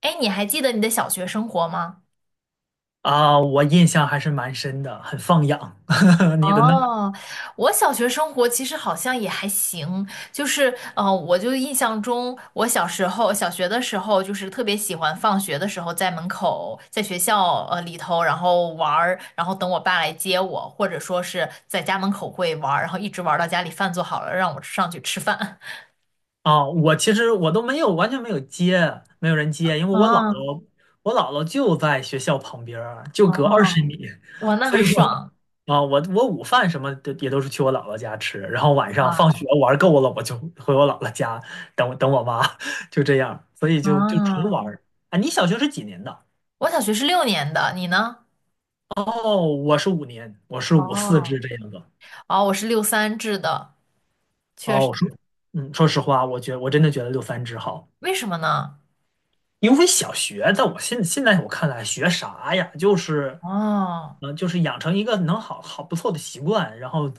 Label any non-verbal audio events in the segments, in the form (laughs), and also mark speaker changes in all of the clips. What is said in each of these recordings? Speaker 1: 哎，你还记得你的小学生活吗？
Speaker 2: 啊，我印象还是蛮深的，很放养。(laughs) 你的呢？
Speaker 1: 哦，我小学生活其实好像也还行，就是我就印象中，我小时候小学的时候，就是特别喜欢放学的时候在门口，在学校里头，然后玩儿，然后等我爸来接我，或者说是在家门口会玩儿，然后一直玩儿到家里饭做好了，让我上去吃饭。(laughs)
Speaker 2: 啊，其实我都没有，完全没有接，没有人接。因为我姥
Speaker 1: 啊
Speaker 2: 姥，我姥姥就在学校旁边儿，就
Speaker 1: 哦，
Speaker 2: 隔20米。
Speaker 1: 哇，
Speaker 2: (laughs)
Speaker 1: 那
Speaker 2: 所
Speaker 1: 很
Speaker 2: 以
Speaker 1: 爽
Speaker 2: 我啊，我午饭什么的也都是去我姥姥家吃。然后晚上放
Speaker 1: 哇！
Speaker 2: 学玩够了，我就回我姥姥家等我妈。(laughs) 就这样，所以就纯
Speaker 1: 啊，
Speaker 2: 玩儿。啊，你小学是几年的？
Speaker 1: 我小学是六年的，你呢？
Speaker 2: 哦，我是五年，我是五四
Speaker 1: 哦
Speaker 2: 至这样的。
Speaker 1: 哦，我是六三制的，确
Speaker 2: 哦，
Speaker 1: 实。
Speaker 2: 我说，说实话，我真的觉得六三制好。
Speaker 1: 为什么呢？
Speaker 2: 因为小学在我现在我看来学啥呀，就是，
Speaker 1: 哦
Speaker 2: 嗯、就是养成一个能好好不错的习惯。然后，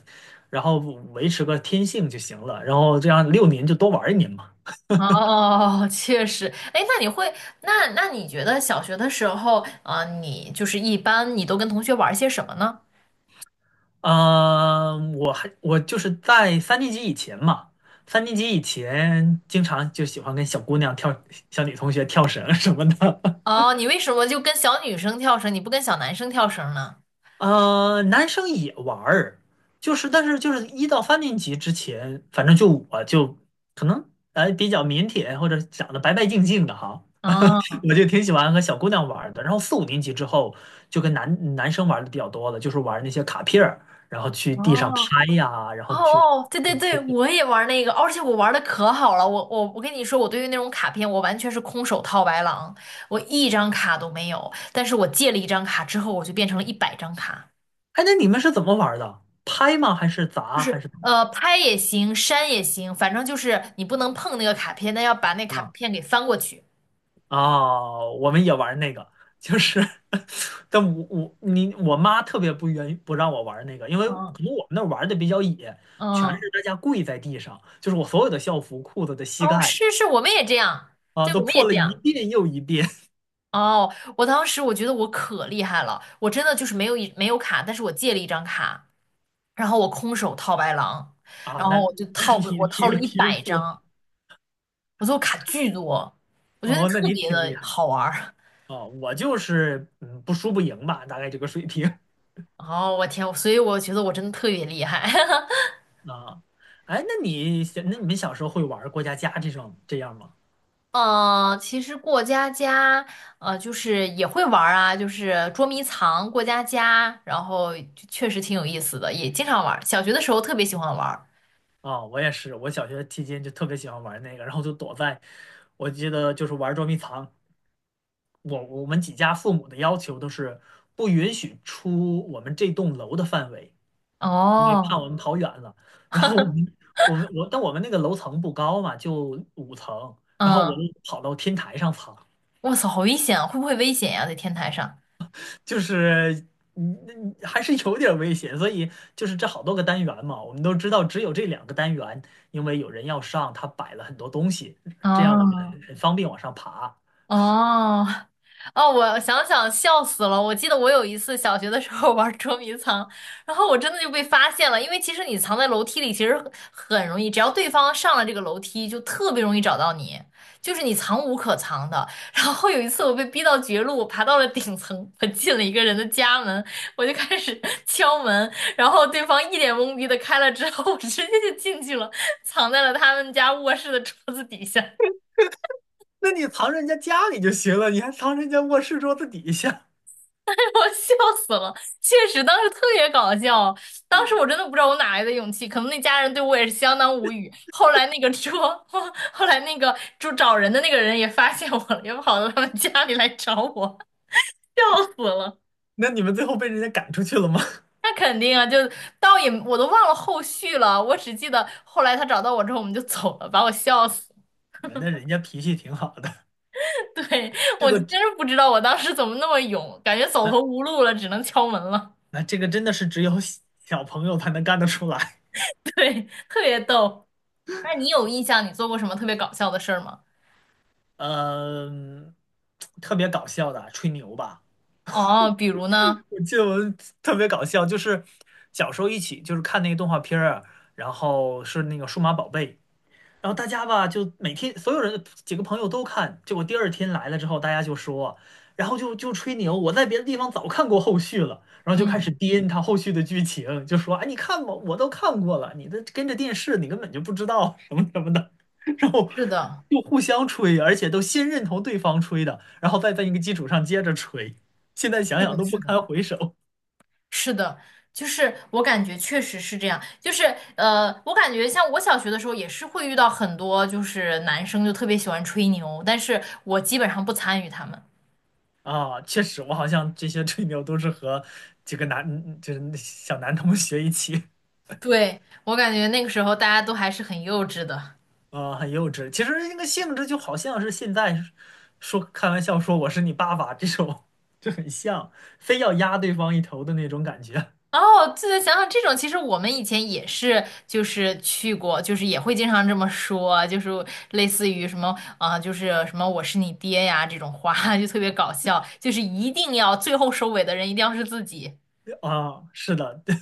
Speaker 2: 然后维持个天性就行了。然后这样6年就多玩1年嘛。
Speaker 1: 哦，确实。哎，那你觉得小学的时候，啊、你就是一般你都跟同学玩些什么呢？
Speaker 2: 啊、我就是在三年级以前嘛，三年级以前经常就喜欢跟小姑娘跳，小女同学跳绳什么的。(laughs)
Speaker 1: 哦，你为什么就跟小女生跳绳，你不跟小男生跳绳呢？
Speaker 2: 男生也玩儿。但是一到三年级之前，反正就我可能比较腼腆或者长得白白净净的哈。
Speaker 1: 哦
Speaker 2: (laughs) 我就挺喜欢和小姑娘玩儿的。然后四五年级之后，就跟男生玩的比较多了，就是玩那些卡片儿，然后去地上
Speaker 1: 哦
Speaker 2: 拍呀，然
Speaker 1: 哦
Speaker 2: 后去，
Speaker 1: 哦，对对
Speaker 2: 去
Speaker 1: 对，
Speaker 2: 去
Speaker 1: 我也玩那个，而且我玩的可好了。我跟你说，我对于那种卡片，我完全是空手套白狼，我一张卡都没有。但是我借了一张卡之后，我就变成了一百张卡。
Speaker 2: 哎，那你们是怎么玩儿的？拍吗？还是砸？还
Speaker 1: 是，
Speaker 2: 是怎么？
Speaker 1: 拍也行，删也行，反正就是你不能碰那个卡片，但要把那卡片给翻过去。
Speaker 2: 哦，我们也玩那个，就是 (laughs) 但我妈特别不愿意不让我玩那个。因为
Speaker 1: 嗯
Speaker 2: 可能我们那儿玩的比较野，全
Speaker 1: 嗯，
Speaker 2: 是大家跪在地上，就是我所有的校服、裤子的膝
Speaker 1: 哦，
Speaker 2: 盖
Speaker 1: 是是，我们也这样，
Speaker 2: 啊
Speaker 1: 对，
Speaker 2: 都
Speaker 1: 我们也
Speaker 2: 破了
Speaker 1: 这
Speaker 2: 一
Speaker 1: 样。
Speaker 2: 遍又一遍。
Speaker 1: 哦，我当时我觉得我可厉害了，我真的就是没有卡，但是我借了一张卡，然后我空手套白狼，
Speaker 2: (laughs) 啊，
Speaker 1: 然
Speaker 2: 那
Speaker 1: 后
Speaker 2: (laughs) 那你
Speaker 1: 我
Speaker 2: 挺
Speaker 1: 套了
Speaker 2: 有
Speaker 1: 一
Speaker 2: 天
Speaker 1: 百
Speaker 2: 赋。
Speaker 1: 张，我最后卡巨多，我觉得
Speaker 2: 哦，那
Speaker 1: 特
Speaker 2: 你
Speaker 1: 别
Speaker 2: 挺厉
Speaker 1: 的
Speaker 2: 害。
Speaker 1: 好玩儿。(laughs)
Speaker 2: 哦，我就是不输不赢吧，大概这个水平。
Speaker 1: 哦，我天，所以我觉得我真的特别厉害。(laughs)
Speaker 2: (laughs) 啊，哎，那你们小时候会玩过家家这种这样吗？
Speaker 1: 嗯，其实过家家，就是也会玩儿啊，就是捉迷藏、过家家，然后就确实挺有意思的，也经常玩儿小学的时候特别喜欢玩儿
Speaker 2: 啊，我也是。我小学期间就特别喜欢玩那个，然后就躲在，我记得就是玩捉迷藏。我们几家父母的要求都是不允许出我们这栋楼的范围，因为怕
Speaker 1: 哦，
Speaker 2: 我们跑远了。然后我们我们我，但我们那个楼层不高嘛，就5层，然后我
Speaker 1: 嗯，
Speaker 2: 就跑到天台上 (laughs) 藏。
Speaker 1: 哇塞，好危险啊！会不会危险呀、在天台上？
Speaker 2: 就是还是有点儿危险。所以就是这好多个单元嘛，我们都知道只有这2个单元。因为有人要上，他摆了很多东西，这样我们
Speaker 1: 哦。
Speaker 2: 很方便往上爬。
Speaker 1: 哦，哦，我想想笑死了。我记得我有一次小学的时候 (laughs) 玩捉迷藏，然后我真的就被发现了。因为其实你藏在楼梯里，其实很很容易，只要对方上了这个楼梯，就特别容易找到你，就是你藏无可藏的。然后有一次我被逼到绝路，我爬到了顶层，我进了一个人的家门，我就开始 (laughs) 敲门，然后对方一脸懵逼的开了之后，我直接就进去了，藏在了他们家卧室的桌子底下。
Speaker 2: 那你藏人家家里就行了，你还藏人家卧室桌子底下。
Speaker 1: (laughs) 我笑死了，确实当时特别搞笑，当时我真的不知道我哪来的勇气，可能那家人对我也是相当无语。后来那个说，(laughs) 后来那个就找人的那个人也发现我了，也跑到他们家里来找我，(laughs) 笑死了。
Speaker 2: 那你们最后被人家赶出去了吗？
Speaker 1: 那肯定啊，倒也我都忘了后续了，我只记得后来他找到我之后我们就走了，把我笑死。
Speaker 2: (laughs) 那人家脾气挺好的。
Speaker 1: (laughs) 对，
Speaker 2: 这
Speaker 1: 我真
Speaker 2: 个只
Speaker 1: 是不知道我当时怎么那么勇，感觉走
Speaker 2: 那
Speaker 1: 投无路了，只能敲门了。
Speaker 2: 那这个真的是只有小小朋友才能干得出来。
Speaker 1: (laughs) 对，特别逗。那你有印象你做过什么特别搞笑的事儿吗？
Speaker 2: 呃嗯，特别搞笑的吹牛吧。
Speaker 1: 哦，比如呢？
Speaker 2: 我记得我特别搞笑，就是小时候一起就是看那个动画片儿啊，然后是那个数码宝贝。然后大家吧，就每天所有人几个朋友都看，结果第二天来了之后，大家就说，然后就吹牛。我在别的地方早看过后续了，然后就开始
Speaker 1: 嗯，
Speaker 2: 编他后续的剧情。就说，哎，你看吧，我都看过了，你的跟着电视，你根本就不知道什么什么的，然后
Speaker 1: 是的，
Speaker 2: 就互相吹，而且都先认同对方吹的，然后再在一个基础上接着吹。现在想
Speaker 1: 是
Speaker 2: 想
Speaker 1: 的，
Speaker 2: 都不
Speaker 1: 是的，
Speaker 2: 堪回首。
Speaker 1: 是的，就是我感觉确实是这样。我感觉像我小学的时候也是会遇到很多，就是男生就特别喜欢吹牛，但是我基本上不参与他们。
Speaker 2: 啊，确实，我好像这些吹牛都是和几个男，就是小男同学一起。
Speaker 1: 对，我感觉那个时候大家都还是很幼稚的。
Speaker 2: 啊，很幼稚。其实那个性质就好像是现在说开玩笑说我是你爸爸这种，就很像，非要压对方一头的那种感觉。
Speaker 1: 哦，这个想想这种，其实我们以前也是，就是去过，就是也会经常这么说，就是类似于什么啊、就是什么我是你爹呀这种话，(laughs) 就特别搞笑，就是一定要最后收尾的人一定要是自己，
Speaker 2: (laughs) 啊，是的，(laughs) 对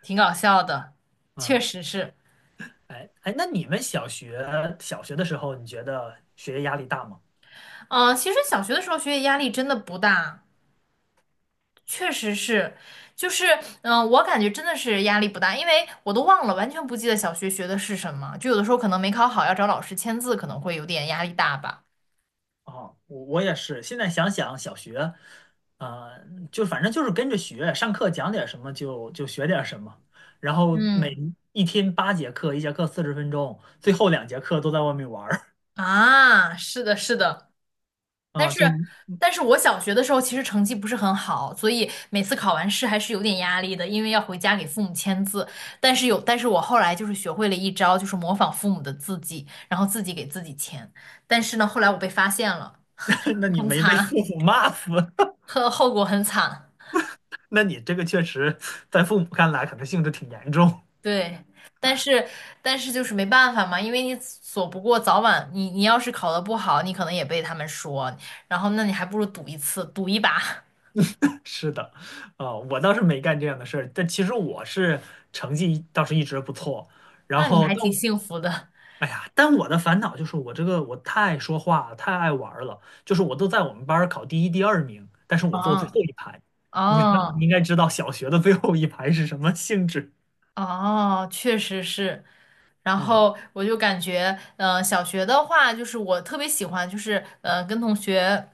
Speaker 1: 挺搞笑的，确
Speaker 2: 啊，
Speaker 1: 实是。
Speaker 2: 哎哎，那你们小学的时候，你觉得学业压力大吗？
Speaker 1: 嗯、其实小学的时候学业压力真的不大，确实是，就是嗯、我感觉真的是压力不大，因为我都忘了，完全不记得小学学的是什么，就有的时候可能没考好，要找老师签字，可能会有点压力大吧。
Speaker 2: 啊，我也是。现在想想小学，啊，就反正就是跟着学，上课讲点什么就学点什么。然后每
Speaker 1: 嗯。
Speaker 2: 一天8节课，一节课40分钟，最后2节课都在外面玩儿。
Speaker 1: 啊，是的，是的，但
Speaker 2: 啊，
Speaker 1: 是，
Speaker 2: 就
Speaker 1: 但是我小学的时候其实成绩不是很好，所以每次考完试还是有点压力的，因为要回家给父母签字。但是我后来就是学会了一招，就是模仿父母的字迹，然后自己给自己签。但是呢，后来我被发现了，
Speaker 2: (laughs) 那你
Speaker 1: 很
Speaker 2: 没被父
Speaker 1: 惨，
Speaker 2: 母骂死？(laughs)
Speaker 1: (laughs) 后果很惨。
Speaker 2: 那你这个确实在父母看来可能性质挺严重。
Speaker 1: 对，但是但是就是没办法嘛，因为你躲不过，早晚你要是考得不好，你可能也被他们说，然后那你还不如赌一次，赌一把。
Speaker 2: (laughs) 是的。啊、我倒是没干这样的事儿。但其实成绩倒是一直不错。然
Speaker 1: 那你
Speaker 2: 后，
Speaker 1: 还
Speaker 2: 但
Speaker 1: 挺
Speaker 2: 我
Speaker 1: 幸福的。
Speaker 2: 哎呀，但我的烦恼就是我这个我太说话了太爱玩儿了。就是我都在我们班儿考第一、第二名，但是我坐最
Speaker 1: 嗯，
Speaker 2: 后一排。你
Speaker 1: 哦，
Speaker 2: 应该知道小学的最后一排是什么性质
Speaker 1: 哦，确实是。然
Speaker 2: 啊
Speaker 1: 后我就感觉，小学的话，就是我特别喜欢，跟同学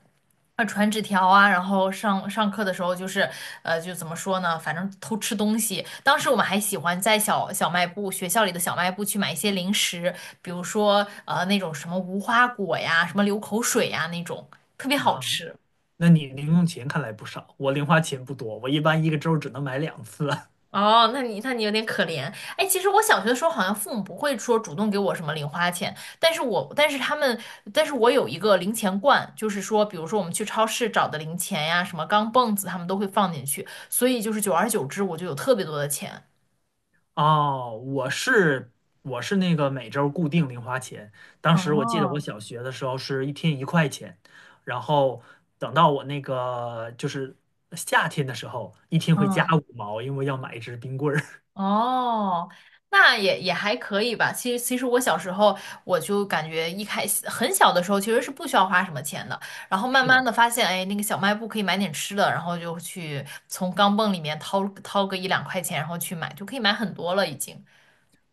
Speaker 1: 啊传纸条啊，然后上课的时候，就怎么说呢，反正偷吃东西。当时我们还喜欢在小卖部，学校里的小卖部去买一些零食，比如说那种什么无花果呀，什么流口水呀那种，特别好
Speaker 2: 啊？
Speaker 1: 吃。
Speaker 2: 那你零用钱看来不少。我零花钱不多，我一般一个周只能买2次。(laughs)
Speaker 1: 哦，那你有点可怜。哎，其实我小学的时候好像父母不会说主动给我什么零花钱，但是我但是他们但是我有一个零钱罐，就是说，比如说我们去超市找的零钱呀，什么钢镚子，他们都会放进去，所以就是久而久之我就有特别多的钱。
Speaker 2: 哦，我是那个每周固定零花钱。当时我记得我
Speaker 1: 哦，
Speaker 2: 小学的时候是一天1块钱。然后等到我那个就是夏天的时候，一天会加
Speaker 1: 嗯。
Speaker 2: 5毛，因为要买一支冰棍儿。
Speaker 1: 哦，那也也还可以吧。其实我小时候我就感觉一开始很小的时候其实是不需要花什么钱的，然后
Speaker 2: (laughs)
Speaker 1: 慢
Speaker 2: 是
Speaker 1: 慢
Speaker 2: 的。
Speaker 1: 的发现，哎，那个小卖部可以买点吃的，然后就去从钢镚里面掏个一两块钱，然后去买，就可以买很多了已经。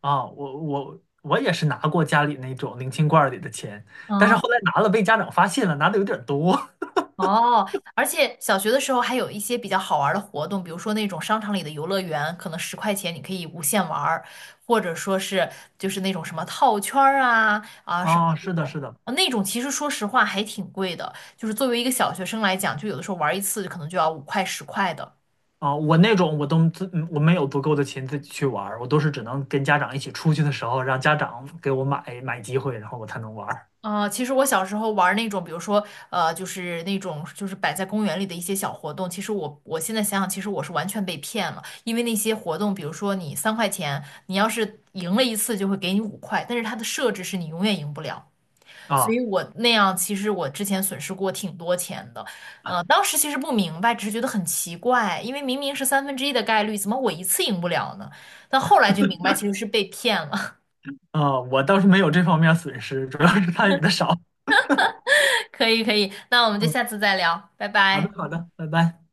Speaker 2: 啊，我也是拿过家里那种零钱罐儿里的钱。但是后
Speaker 1: 嗯。
Speaker 2: 来拿了被家长发现了，拿的有点儿多。
Speaker 1: 哦，而且小学的时候还有一些比较好玩儿的活动，比如说那种商场里的游乐园，可能十块钱你可以无限玩儿，或者说是就是那种什么套圈儿
Speaker 2: (laughs)
Speaker 1: 啊什么
Speaker 2: 啊，
Speaker 1: 那
Speaker 2: 是的，
Speaker 1: 种，
Speaker 2: 是的。
Speaker 1: 啊那种其实说实话还挺贵的，就是作为一个小学生来讲，就有的时候玩儿一次可能就要五块十块的。
Speaker 2: 啊，我那种我都自嗯我没有足够的钱自己去玩儿。我都是只能跟家长一起出去的时候，让家长给我买机会，然后我才能玩儿。
Speaker 1: 其实我小时候玩儿那种，比如说，就是那种就是摆在公园里的一些小活动，其实我我现在想想，其实我是完全被骗了，因为那些活动，比如说你三块钱，你要是赢了一次就会给你五块，但是它的设置是你永远赢不了，所
Speaker 2: 啊
Speaker 1: 以我那样其实我之前损失过挺多钱的，当时其实不明白，只是觉得很奇怪，因为明明是三分之一的概率，怎么我一次赢不了呢？但后来就明白其实是被骗了，
Speaker 2: 啊，我倒是没有这方面损失，主要是参与的少。
Speaker 1: (laughs) 可以可以，那我们就
Speaker 2: 嗯，
Speaker 1: 下次再聊，拜
Speaker 2: 好的
Speaker 1: 拜。
Speaker 2: 好的，拜拜。